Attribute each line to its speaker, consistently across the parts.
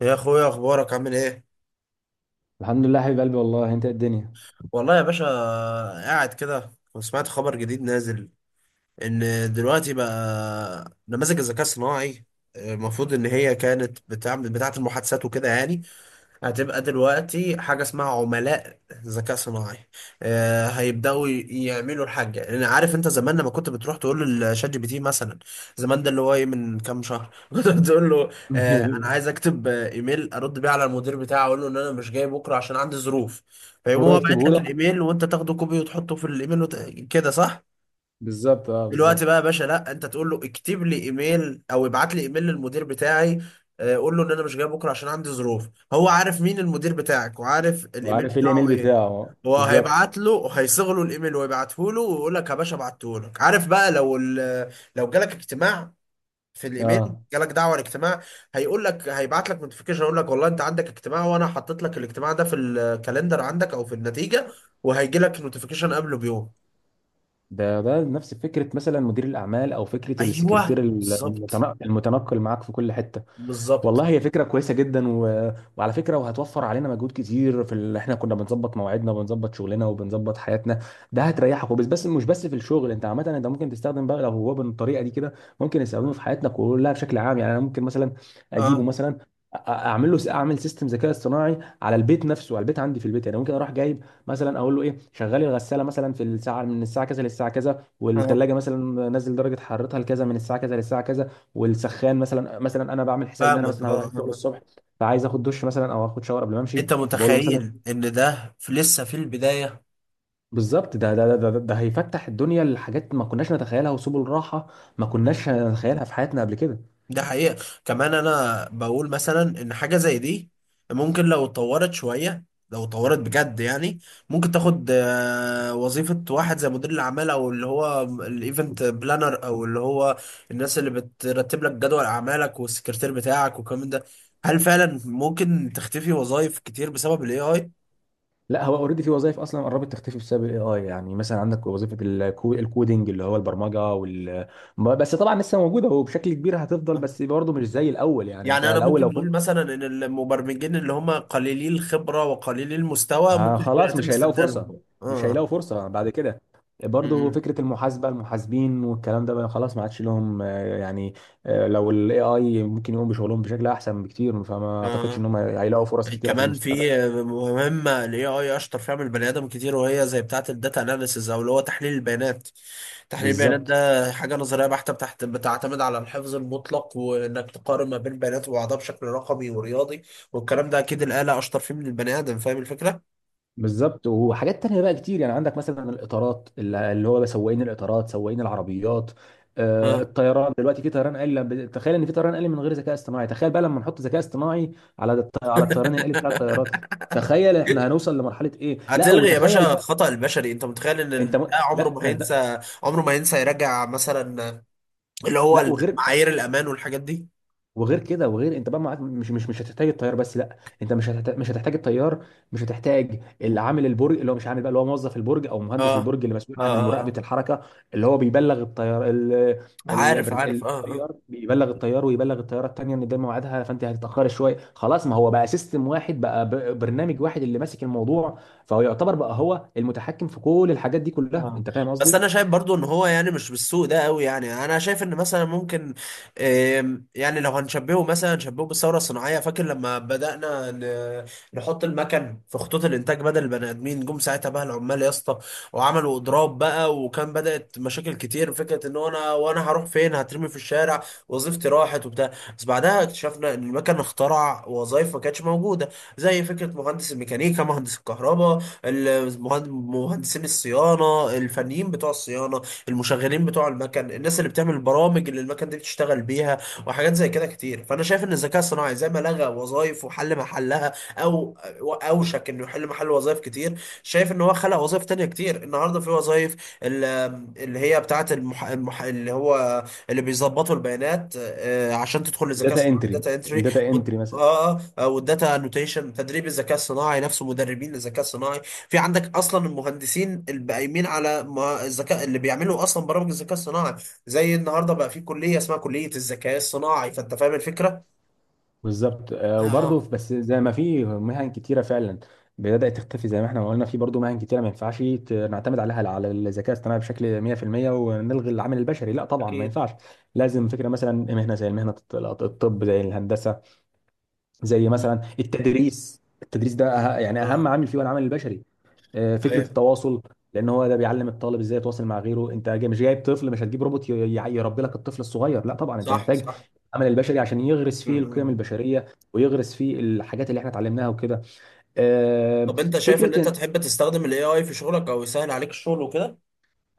Speaker 1: يا اخويا اخبارك عامل ايه؟
Speaker 2: الحمد لله حبيب قلبي. والله انت إيه الدنيا؟
Speaker 1: والله يا باشا، قاعد كده وسمعت خبر جديد نازل ان دلوقتي بقى نماذج الذكاء الصناعي المفروض ان هي كانت بتعمل بتاعه المحادثات وكده يعني هتبقى دلوقتي حاجة اسمها عملاء ذكاء صناعي. آه، يعملوا الحاجة. يعني عارف انت زمان لما كنت بتروح تقول للشات جي بي تي مثلا، زمان ده اللي هو ايه، من كام شهر كنت بتقول له آه انا عايز اكتب ايميل ارد بيه على المدير بتاعي، اقول له ان انا مش جاي بكرة عشان عندي ظروف. فيقوم
Speaker 2: هو
Speaker 1: هو باعت
Speaker 2: يكتبه
Speaker 1: لك
Speaker 2: لك.
Speaker 1: الايميل وانت تاخده كوبي وتحطه في الايميل وت... كده صح؟
Speaker 2: بالظبط اه
Speaker 1: دلوقتي بقى يا
Speaker 2: بالظبط.
Speaker 1: باشا لا، انت تقول له اكتب لي ايميل او ابعت لي ايميل للمدير بتاعي، قول له ان انا مش جاي بكره عشان عندي ظروف. هو عارف مين المدير بتاعك وعارف الايميل
Speaker 2: وعارف ايه
Speaker 1: بتاعه
Speaker 2: الايميل
Speaker 1: ايه.
Speaker 2: بتاعه
Speaker 1: هو
Speaker 2: بالظبط.
Speaker 1: هيبعت له وهيصغ له الايميل ويبعته له ويقول لك يا باشا بعته لك. عارف بقى لو لو جالك اجتماع، في الايميل
Speaker 2: اه
Speaker 1: جالك دعوه لاجتماع، هيقول لك، هيبعت لك نوتيفيكيشن يقول لك والله انت عندك اجتماع وانا حطيت لك الاجتماع ده في الكالندر عندك او في النتيجه، وهيجي لك نوتيفيكيشن قبله بيوم.
Speaker 2: ده ده نفس فكره مثلا مدير الاعمال او فكره السكرتير
Speaker 1: ايوه بالظبط
Speaker 2: المتنقل معاك في كل حته.
Speaker 1: بالظبط.
Speaker 2: والله هي فكرة كويسة جدا وعلى فكرة، وهتوفر علينا مجهود كتير احنا كنا بنظبط مواعيدنا وبنظبط شغلنا وبنظبط حياتنا. ده هتريحك، وبس مش بس في الشغل انت عامة، انت ممكن تستخدم بقى لو هو بالطريقة دي كده، ممكن يستخدمه في حياتنا كلها بشكل عام. يعني انا ممكن مثلا اجيبه
Speaker 1: اه
Speaker 2: مثلا، اعمل له اعمل سيستم ذكاء اصطناعي على البيت نفسه، على البيت عندي في البيت، يعني ممكن اروح جايب مثلا اقول له ايه شغلي، الغساله مثلا في الساعه من الساعه كذا للساعه كذا،
Speaker 1: اه
Speaker 2: والثلاجه مثلا نزل درجه حرارتها لكذا من الساعه كذا للساعه كذا، والسخان مثلا. مثلا انا بعمل حساب ان انا
Speaker 1: فاهمك،
Speaker 2: مثلا
Speaker 1: اه
Speaker 2: هروح
Speaker 1: اه
Speaker 2: الشغل
Speaker 1: اه.
Speaker 2: الصبح، فعايز اخد دش مثلا او اخد شاور قبل ما امشي،
Speaker 1: انت
Speaker 2: فبقول له مثلا.
Speaker 1: متخيل ان ده في لسه في البداية؟
Speaker 2: بالظبط، ده هيفتح الدنيا لحاجات ما كناش نتخيلها، وسبل راحه ما
Speaker 1: مم.
Speaker 2: كناش نتخيلها في حياتنا قبل كده.
Speaker 1: ده حقيقة. كمان انا بقول مثلا ان حاجة زي دي ممكن لو اتطورت شوية، لو اتطورت بجد يعني، ممكن تاخد وظيفة واحد زي مدير الأعمال، أو اللي هو الإيفنت بلانر، أو اللي هو الناس اللي بترتب لك جدول أعمالك والسكرتير بتاعك والكلام ده. هل فعلا ممكن تختفي وظائف كتير بسبب ال AI؟
Speaker 2: لا هو اوريدي في وظائف اصلا قربت تختفي بسبب الاي اي، يعني مثلا عندك وظيفه الكودينج اللي هو البرمجه وال ما- بس طبعا لسه موجوده وبشكل كبير هتفضل، بس برضه مش زي الاول. يعني انت
Speaker 1: يعني انا
Speaker 2: الاول
Speaker 1: ممكن
Speaker 2: لو
Speaker 1: نقول مثلا ان المبرمجين اللي هم قليلي الخبره وقليلي المستوى
Speaker 2: ها
Speaker 1: ممكن يكون
Speaker 2: خلاص
Speaker 1: يتم
Speaker 2: مش هيلاقوا فرصة،
Speaker 1: استبدالهم.
Speaker 2: مش
Speaker 1: اه.
Speaker 2: هيلاقوا فرصة بعد كده. برضه
Speaker 1: مم.
Speaker 2: فكرة المحاسبة، المحاسبين والكلام ده بقى خلاص ما عادش لهم، يعني لو ال AI ممكن يقوم بشغلهم بشكل أحسن بكتير، فما أعتقدش إن
Speaker 1: اه،
Speaker 2: هم هيلاقوا فرص كتيرة في
Speaker 1: كمان
Speaker 2: المستقبل.
Speaker 1: في مهمه الاي اي اشطر فيها من البني ادم كتير، وهي زي بتاعه الداتا اناليسز او اللي هو تحليل البيانات. تحليل البيانات
Speaker 2: بالظبط.
Speaker 1: ده حاجه نظريه بحته بتحت، بتعتمد على الحفظ المطلق وانك تقارن ما بين بيانات وبعضها بشكل رقمي ورياضي. والكلام ده اكيد الاله اشطر فيه من البني ادم، فاهم الفكره؟
Speaker 2: بالظبط، وحاجات تانية بقى كتير. يعني عندك مثلا الإطارات، اللي هو سواقين الإطارات، سواقين العربيات.
Speaker 1: اه.
Speaker 2: الطيران دلوقتي في طيران آلي، تخيل إن في طيران آلي من غير ذكاء اصطناعي، تخيل بقى لما نحط ذكاء اصطناعي على الطيران الآلي بتاع الطيارات. تخيل احنا هنوصل لمرحلة ايه! لا
Speaker 1: هتلغي يا
Speaker 2: وتخيل
Speaker 1: باشا
Speaker 2: بقى.
Speaker 1: الخطأ البشري. انت متخيل ان
Speaker 2: انت م...
Speaker 1: ده عمره
Speaker 2: لا
Speaker 1: ما
Speaker 2: لا.
Speaker 1: هينسى، عمره ما هينسى يراجع مثلا اللي هو
Speaker 2: وغير،
Speaker 1: معايير الامان والحاجات دي.
Speaker 2: وغير كده، وغير انت بقى معاك مش هتحتاج الطيار، بس لا انت مش هتحتاج، مش هتحتاج الطيار. مش هتحتاج
Speaker 1: اه
Speaker 2: اللي عامل البرج، اللي هو مش عامل بقى، اللي هو موظف البرج او
Speaker 1: اه
Speaker 2: مهندس البرج اللي مسؤول
Speaker 1: اه
Speaker 2: عن مراقبه
Speaker 1: آه.
Speaker 2: الحركه، اللي هو بيبلغ الطيار
Speaker 1: عارف عارف اه آه.
Speaker 2: الطيار، بيبلغ الطيار ويبلغ الطياره الثانيه ان ده ميعادها فانت هتتاخري شويه، خلاص ما هو بقى سيستم واحد بقى، برنامج واحد اللي ماسك الموضوع. فهو يعتبر بقى هو المتحكم في كل الحاجات دي كلها،
Speaker 1: اه
Speaker 2: انت فاهم
Speaker 1: بس
Speaker 2: قصدي؟
Speaker 1: انا شايف برضو ان هو يعني مش بالسوء ده قوي. يعني انا شايف ان مثلا ممكن، يعني لو هنشبهه مثلا نشبهه بالثوره الصناعيه، فاكر لما نحط المكن في خطوط الانتاج بدل البني ادمين، جم ساعتها بقى العمال يا اسطى وعملوا اضراب بقى، وكان بدات مشاكل كتير فكره ان هو انا، وانا هروح فين، هترمي في الشارع، وظيفتي راحت وبتاع. بس بعدها اكتشفنا ان المكن اخترع وظائف ما كانتش موجوده، زي فكره مهندس الميكانيكا، مهندس الكهرباء، مهندسين الصيانه، الفنيين بتوع الصيانه، المشغلين بتوع المكن، الناس اللي بتعمل البرامج اللي المكن دي بتشتغل بيها، وحاجات زي كده كتير. فانا شايف ان الذكاء الصناعي زي ما لغى وظائف وحل محلها او اوشك انه يحل محل وظائف كتير، شايف ان هو خلق وظائف تانية كتير. النهارده في وظائف ال- اللي هي بتاعت اللي هو اللي بيظبطوا البيانات، عشان تدخل للذكاء
Speaker 2: داتا
Speaker 1: الصناعي،
Speaker 2: انتري،
Speaker 1: داتا انتري.
Speaker 2: الداتا انتري مثلا.
Speaker 1: اه، والداتا انوتيشن، تدريب الذكاء الصناعي نفسه، مدربين للذكاء الصناعي. في عندك اصلا المهندسين اللي قايمين على الذكاء، اللي بيعملوا اصلا برامج الذكاء الصناعي. زي النهارده بقى في كليه اسمها كليه الذكاء الصناعي. فانت فاهم الفكره؟
Speaker 2: بالظبط
Speaker 1: اه
Speaker 2: وبرضه بس زي ما في مهن كتيره فعلا بدات تختفي، زي ما احنا ما قلنا، في برضه مهن كتيره ما ينفعش نعتمد عليها على الذكاء الاصطناعي بشكل 100% ونلغي العامل البشري. لا طبعا ما
Speaker 1: أكيد.
Speaker 2: ينفعش، لازم. فكره مثلا مهنه زي مهنه الطب، زي الهندسه، زي
Speaker 1: م.
Speaker 2: مثلا التدريس. التدريس ده يعني
Speaker 1: اه
Speaker 2: اهم عامل فيه هو العامل البشري. فكره
Speaker 1: ايوه
Speaker 2: التواصل، لان هو ده بيعلم الطالب ازاي يتواصل مع غيره. مش جايب طفل، مش هتجيب روبوت يربي لك الطفل الصغير، لا طبعا، انت
Speaker 1: صح
Speaker 2: محتاج
Speaker 1: صح
Speaker 2: العمل البشري عشان يغرس
Speaker 1: م-
Speaker 2: فيه القيم
Speaker 1: م-.
Speaker 2: البشريه، ويغرس فيه الحاجات اللي احنا اتعلمناها وكده. آه،
Speaker 1: طب انت شايف ان انت
Speaker 2: فكره.
Speaker 1: تحب تستخدم الاي اي في شغلك او يسهل عليك الشغل وكده؟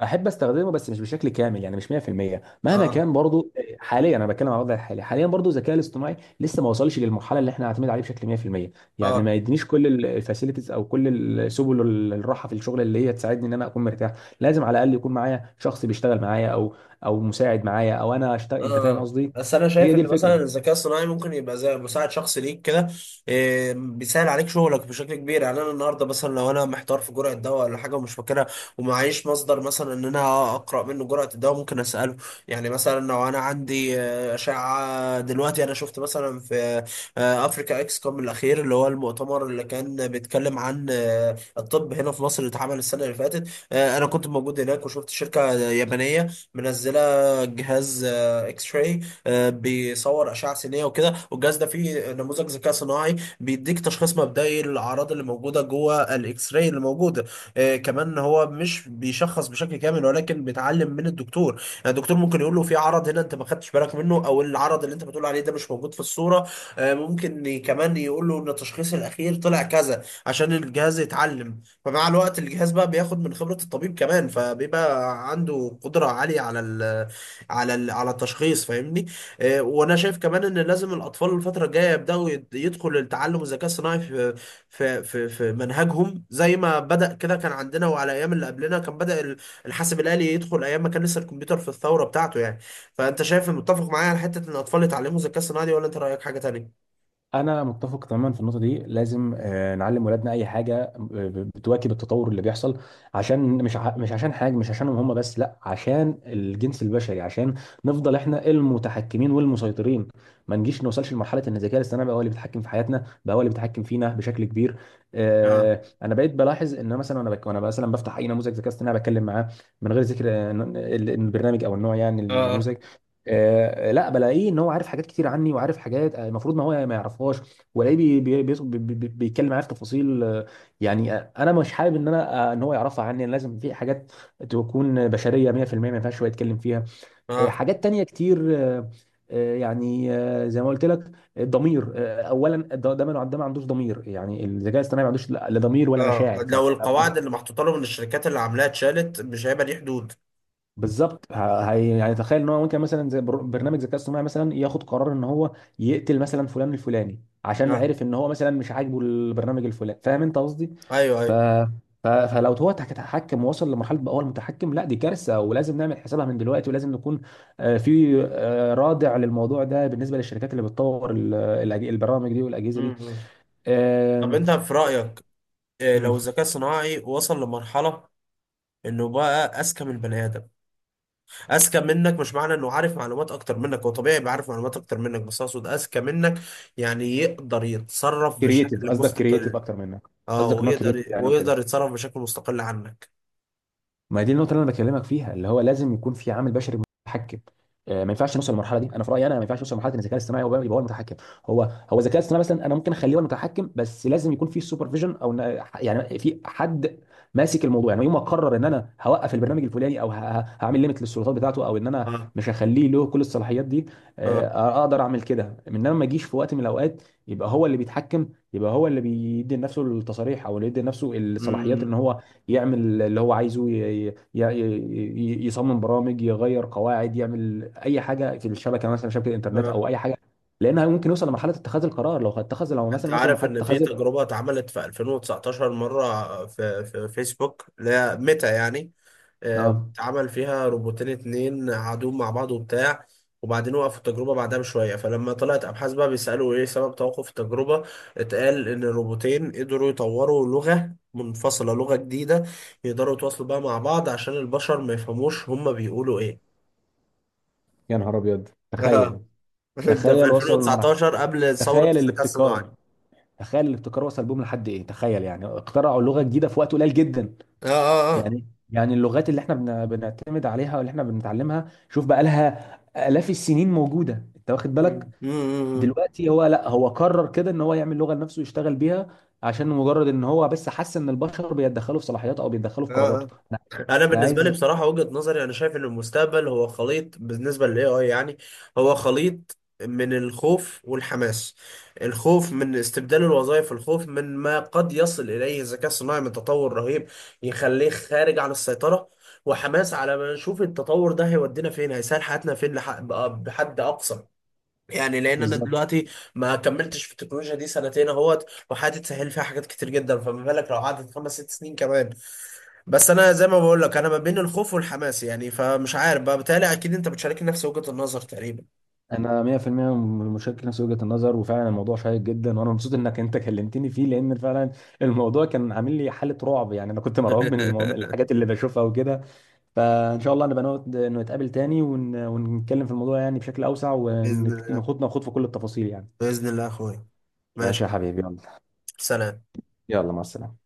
Speaker 2: احب استخدمه بس مش بشكل كامل، يعني مش 100% مهما
Speaker 1: اه
Speaker 2: كان. برضو حاليا انا بتكلم على الوضع الحالي، حاليا برضو الذكاء الاصطناعي لسه ما وصلش للمرحله اللي احنا نعتمد عليه بشكل 100%. يعني ما
Speaker 1: اه
Speaker 2: يدينيش كل الفاسيلتيز او كل سبل الراحه في الشغل اللي هي تساعدني ان انا اكون مرتاح. لازم على الاقل يكون معايا شخص بيشتغل معايا، او او مساعد معايا او انا اشتغل، انت فاهم
Speaker 1: اه.
Speaker 2: قصدي.
Speaker 1: بس انا
Speaker 2: هي
Speaker 1: شايف
Speaker 2: دي
Speaker 1: ان مثلا
Speaker 2: الفكره.
Speaker 1: الذكاء الصناعي ممكن يبقى زي مساعد شخصي ليك كده، إيه، بيسهل عليك شغلك بشكل كبير. يعني انا النهارده مثلا لو انا محتار في جرعه دواء ولا حاجه ومش فاكرها ومعيش مصدر مثلا ان انا اقرا منه جرعه الدواء، ممكن اساله. يعني مثلا لو انا عندي اشعه، دلوقتي انا شفت مثلا في افريكا اكس كوم الاخير، اللي هو المؤتمر اللي كان بيتكلم عن الطب هنا في مصر، اللي اتعمل السنه اللي فاتت، آه، انا كنت موجود هناك وشفت شركه يابانيه منزله جهاز اكس راي بيصور اشعه سينيه وكده. والجهاز ده فيه نموذج ذكاء صناعي بيديك تشخيص مبدئي للاعراض اللي موجوده جوه الاكس راي اللي موجوده. كمان هو مش بيشخص بشكل كامل، ولكن بيتعلم من الدكتور. يعني الدكتور ممكن يقول له في عرض هنا انت ما خدتش بالك منه، او العرض اللي انت بتقول عليه ده مش موجود في الصوره. ممكن كمان يقول له ان التشخيص الاخير طلع كذا، عشان الجهاز يتعلم. فمع الوقت الجهاز بقى بياخد من خبره الطبيب كمان، فبيبقى عنده قدره عاليه على، على على التشخيص، فاهمني؟ وانا شايف كمان ان لازم الاطفال الفتره الجايه يبداوا يدخل التعلم، الذكاء الصناعي في في منهجهم. زي ما بدا كده كان عندنا وعلى ايام اللي قبلنا كان بدا الحاسب الالي يدخل ايام ما كان لسه الكمبيوتر في الثوره بتاعته يعني. فانت شايف متفق معايا على حته ان الاطفال يتعلموا الذكاء الصناعي دي، ولا انت رايك حاجه تانية؟
Speaker 2: انا متفق تماما في النقطه دي، لازم نعلم ولادنا اي حاجه بتواكب التطور اللي بيحصل، عشان مش مش عشان حاجه، مش عشانهم هم بس، لا عشان الجنس البشري، عشان نفضل احنا المتحكمين والمسيطرين. ما نجيش نوصلش لمرحله ان الذكاء الاصطناعي بقى هو اللي بيتحكم في حياتنا، بقى هو اللي بيتحكم فينا بشكل كبير.
Speaker 1: اه
Speaker 2: انا بقيت بلاحظ ان أنا مثلا، انا وانا مثلا بفتح اي نموذج ذكاء اصطناعي بتكلم معاه من غير ذكر البرنامج او النوع يعني
Speaker 1: اه
Speaker 2: النموذج، لا بلاقيه ان هو عارف حاجات كتير عني، وعارف حاجات المفروض ما هو ما يعرفهاش. والاقيه بيتكلم معايا في تفاصيل يعني انا مش حابب ان انا ان هو يعرفها عني. لازم في حاجات تكون بشريه 100%، ما ينفعش هو يتكلم فيها.
Speaker 1: اه.
Speaker 2: حاجات تانية كتير يعني زي ما قلت لك الضمير، اولا ده ما عندوش ضمير، يعني الذكاء الاصطناعي ما عندوش لا لا ضمير ولا
Speaker 1: اه
Speaker 2: مشاعر
Speaker 1: لو القواعد اللي محطوطه لهم من الشركات اللي عاملاها اتشالت، مش هيبقى ليه حدود.
Speaker 2: بالظبط. هي يعني تخيل ان هو ممكن مثلا زي برنامج ذكاء اصطناعي مثلا ياخد قرار ان هو يقتل مثلا فلان الفلاني عشان
Speaker 1: اه
Speaker 2: عرف ان هو مثلا مش عاجبه البرنامج الفلاني، فاهم انت قصدي؟
Speaker 1: ايوه
Speaker 2: ف...
Speaker 1: ايوه.
Speaker 2: فلو هو هيتحكم ووصل لمرحله بقى هو المتحكم، لا دي كارثه ولازم نعمل حسابها من دلوقتي، ولازم نكون في رادع للموضوع ده بالنسبه للشركات اللي بتطور البرامج دي
Speaker 1: م-
Speaker 2: والاجهزه دي.
Speaker 1: م. طب انت في رايك، لو الذكاء الصناعي وصل لمرحلة انه بقى اذكى من البني ادم، اذكى منك، مش معنى انه عارف معلومات اكتر منك، هو طبيعي يبقى عارف معلومات اكتر منك، بس اقصد اذكى منك، يعني يقدر يتصرف
Speaker 2: كرييتيف
Speaker 1: بشكل
Speaker 2: قصدك، كرييتيف
Speaker 1: مستقل.
Speaker 2: اكتر منك؟
Speaker 1: اه،
Speaker 2: قصدك ان هو
Speaker 1: ويقدر
Speaker 2: كرييتيف يعني وكده.
Speaker 1: ويقدر يتصرف بشكل مستقل عنك.
Speaker 2: ما دي النقطه اللي انا بكلمك فيها، اللي هو لازم يكون في عامل بشري يتحكم. ما ينفعش نوصل للمرحله دي، انا في رايي انا ما ينفعش نوصل لمرحله ان الذكاء الاصطناعي هو يبقى هو المتحكم. هو هو الذكاء الاصطناعي مثلا انا ممكن اخليه هو المتحكم، بس لازم يكون في سوبرفيجن او يعني في حد ماسك الموضوع. يعني يوم ما اقرر ان انا هوقف البرنامج الفلاني، او هعمل ليميت للسلطات بتاعته، او ان انا
Speaker 1: اه
Speaker 2: مش هخليه له كل الصلاحيات دي،
Speaker 1: اه
Speaker 2: اقدر اعمل كده. انما ما اجيش في وقت من الاوقات يبقى هو اللي بيتحكم، يبقى هو اللي بيدي لنفسه التصاريح او اللي بيدي لنفسه الصلاحيات ان
Speaker 1: امم.
Speaker 2: هو يعمل اللي هو عايزه، يصمم برامج، يغير قواعد، يعمل اي حاجه في الشبكه مثلا، شبكه انترنت
Speaker 1: اه
Speaker 2: او اي حاجه، لانها ممكن يوصل لمرحله اتخاذ القرار. لو اتخذ لو
Speaker 1: انت
Speaker 2: مثلا وصل
Speaker 1: عارف
Speaker 2: لمرحله
Speaker 1: ان في
Speaker 2: اتخاذ.
Speaker 1: تجربة اتعملت في 2019 مرة في فيسبوك، لا ميتا يعني،
Speaker 2: اه،
Speaker 1: اتعمل فيها روبوتين اتنين قعدوا مع بعض وبتاع، وبعدين وقفوا التجربة بعدها بشوية. فلما طلعت أبحاث بقى بيسألوا إيه سبب توقف التجربة، اتقال إن الروبوتين قدروا يطوروا لغة منفصلة، لغة جديدة، يقدروا يتواصلوا بقى مع بعض عشان البشر ما يفهموش هما بيقولوا إيه.
Speaker 2: يا نهار ابيض!
Speaker 1: آه.
Speaker 2: تخيل.
Speaker 1: ده في
Speaker 2: تخيل وصلوا لمرحله،
Speaker 1: 2019 قبل ثورة
Speaker 2: تخيل
Speaker 1: الذكاء الصناعي.
Speaker 2: الابتكار، تخيل الابتكار وصل بهم لحد ايه. تخيل يعني اخترعوا لغه جديده في وقت قليل جدا.
Speaker 1: اه اه اه.
Speaker 2: يعني يعني اللغات اللي احنا بنعتمد عليها واللي احنا بنتعلمها، شوف بقى لها الاف السنين موجوده انت واخد
Speaker 1: مم.
Speaker 2: بالك.
Speaker 1: مم، مم، مم.
Speaker 2: دلوقتي هو لا هو قرر كده ان هو يعمل لغه لنفسه يشتغل بيها عشان مجرد ان هو بس حس ان البشر بيتدخلوا في صلاحياته او بيتدخلوا
Speaker 1: اه
Speaker 2: في قراراته.
Speaker 1: آه.
Speaker 2: انا
Speaker 1: انا
Speaker 2: أنا
Speaker 1: بالنسبه لي
Speaker 2: عايز
Speaker 1: بصراحه وجهه نظري، انا شايف ان المستقبل هو خليط بالنسبه للاي اي يعني. هو خليط من الخوف والحماس. الخوف من استبدال الوظائف، الخوف من ما قد يصل اليه الذكاء الصناعي من تطور رهيب يخليه خارج عن السيطره، وحماس على ما نشوف التطور ده هيودينا فين، هيسهل حياتنا فين، بحد اقصى. يعني لان انا
Speaker 2: بالظبط.
Speaker 1: دلوقتي ما كملتش في التكنولوجيا دي 2 اهوت، وحياتي اتسهل فيها حاجات كتير جدا، فما بالك لو قعدت 5 6 سنين كمان؟ بس انا زي ما بقول لك انا ما بين الخوف والحماس يعني، فمش عارف بقى، بتهيألي اكيد انت بتشاركني نفس وجهة النظر تقريبا.
Speaker 2: انا 100% مشارك نفس وجهه النظر، وفعلا الموضوع شيق جدا، وانا مبسوط انك انت كلمتني فيه، لان فعلا الموضوع كان عامل لي حاله رعب. يعني انا كنت مرعوب من الموضوع، الحاجات اللي بشوفها وكده. فان شاء الله نبقى نقعد انه نتقابل تاني ونتكلم في الموضوع يعني بشكل اوسع،
Speaker 1: بإذن الله،
Speaker 2: وناخد ناخد في كل التفاصيل يعني.
Speaker 1: بإذن الله يا أخويا،
Speaker 2: ماشي
Speaker 1: ماشي،
Speaker 2: يا حبيبي، يلا.
Speaker 1: سلام.
Speaker 2: يلا مع السلامه.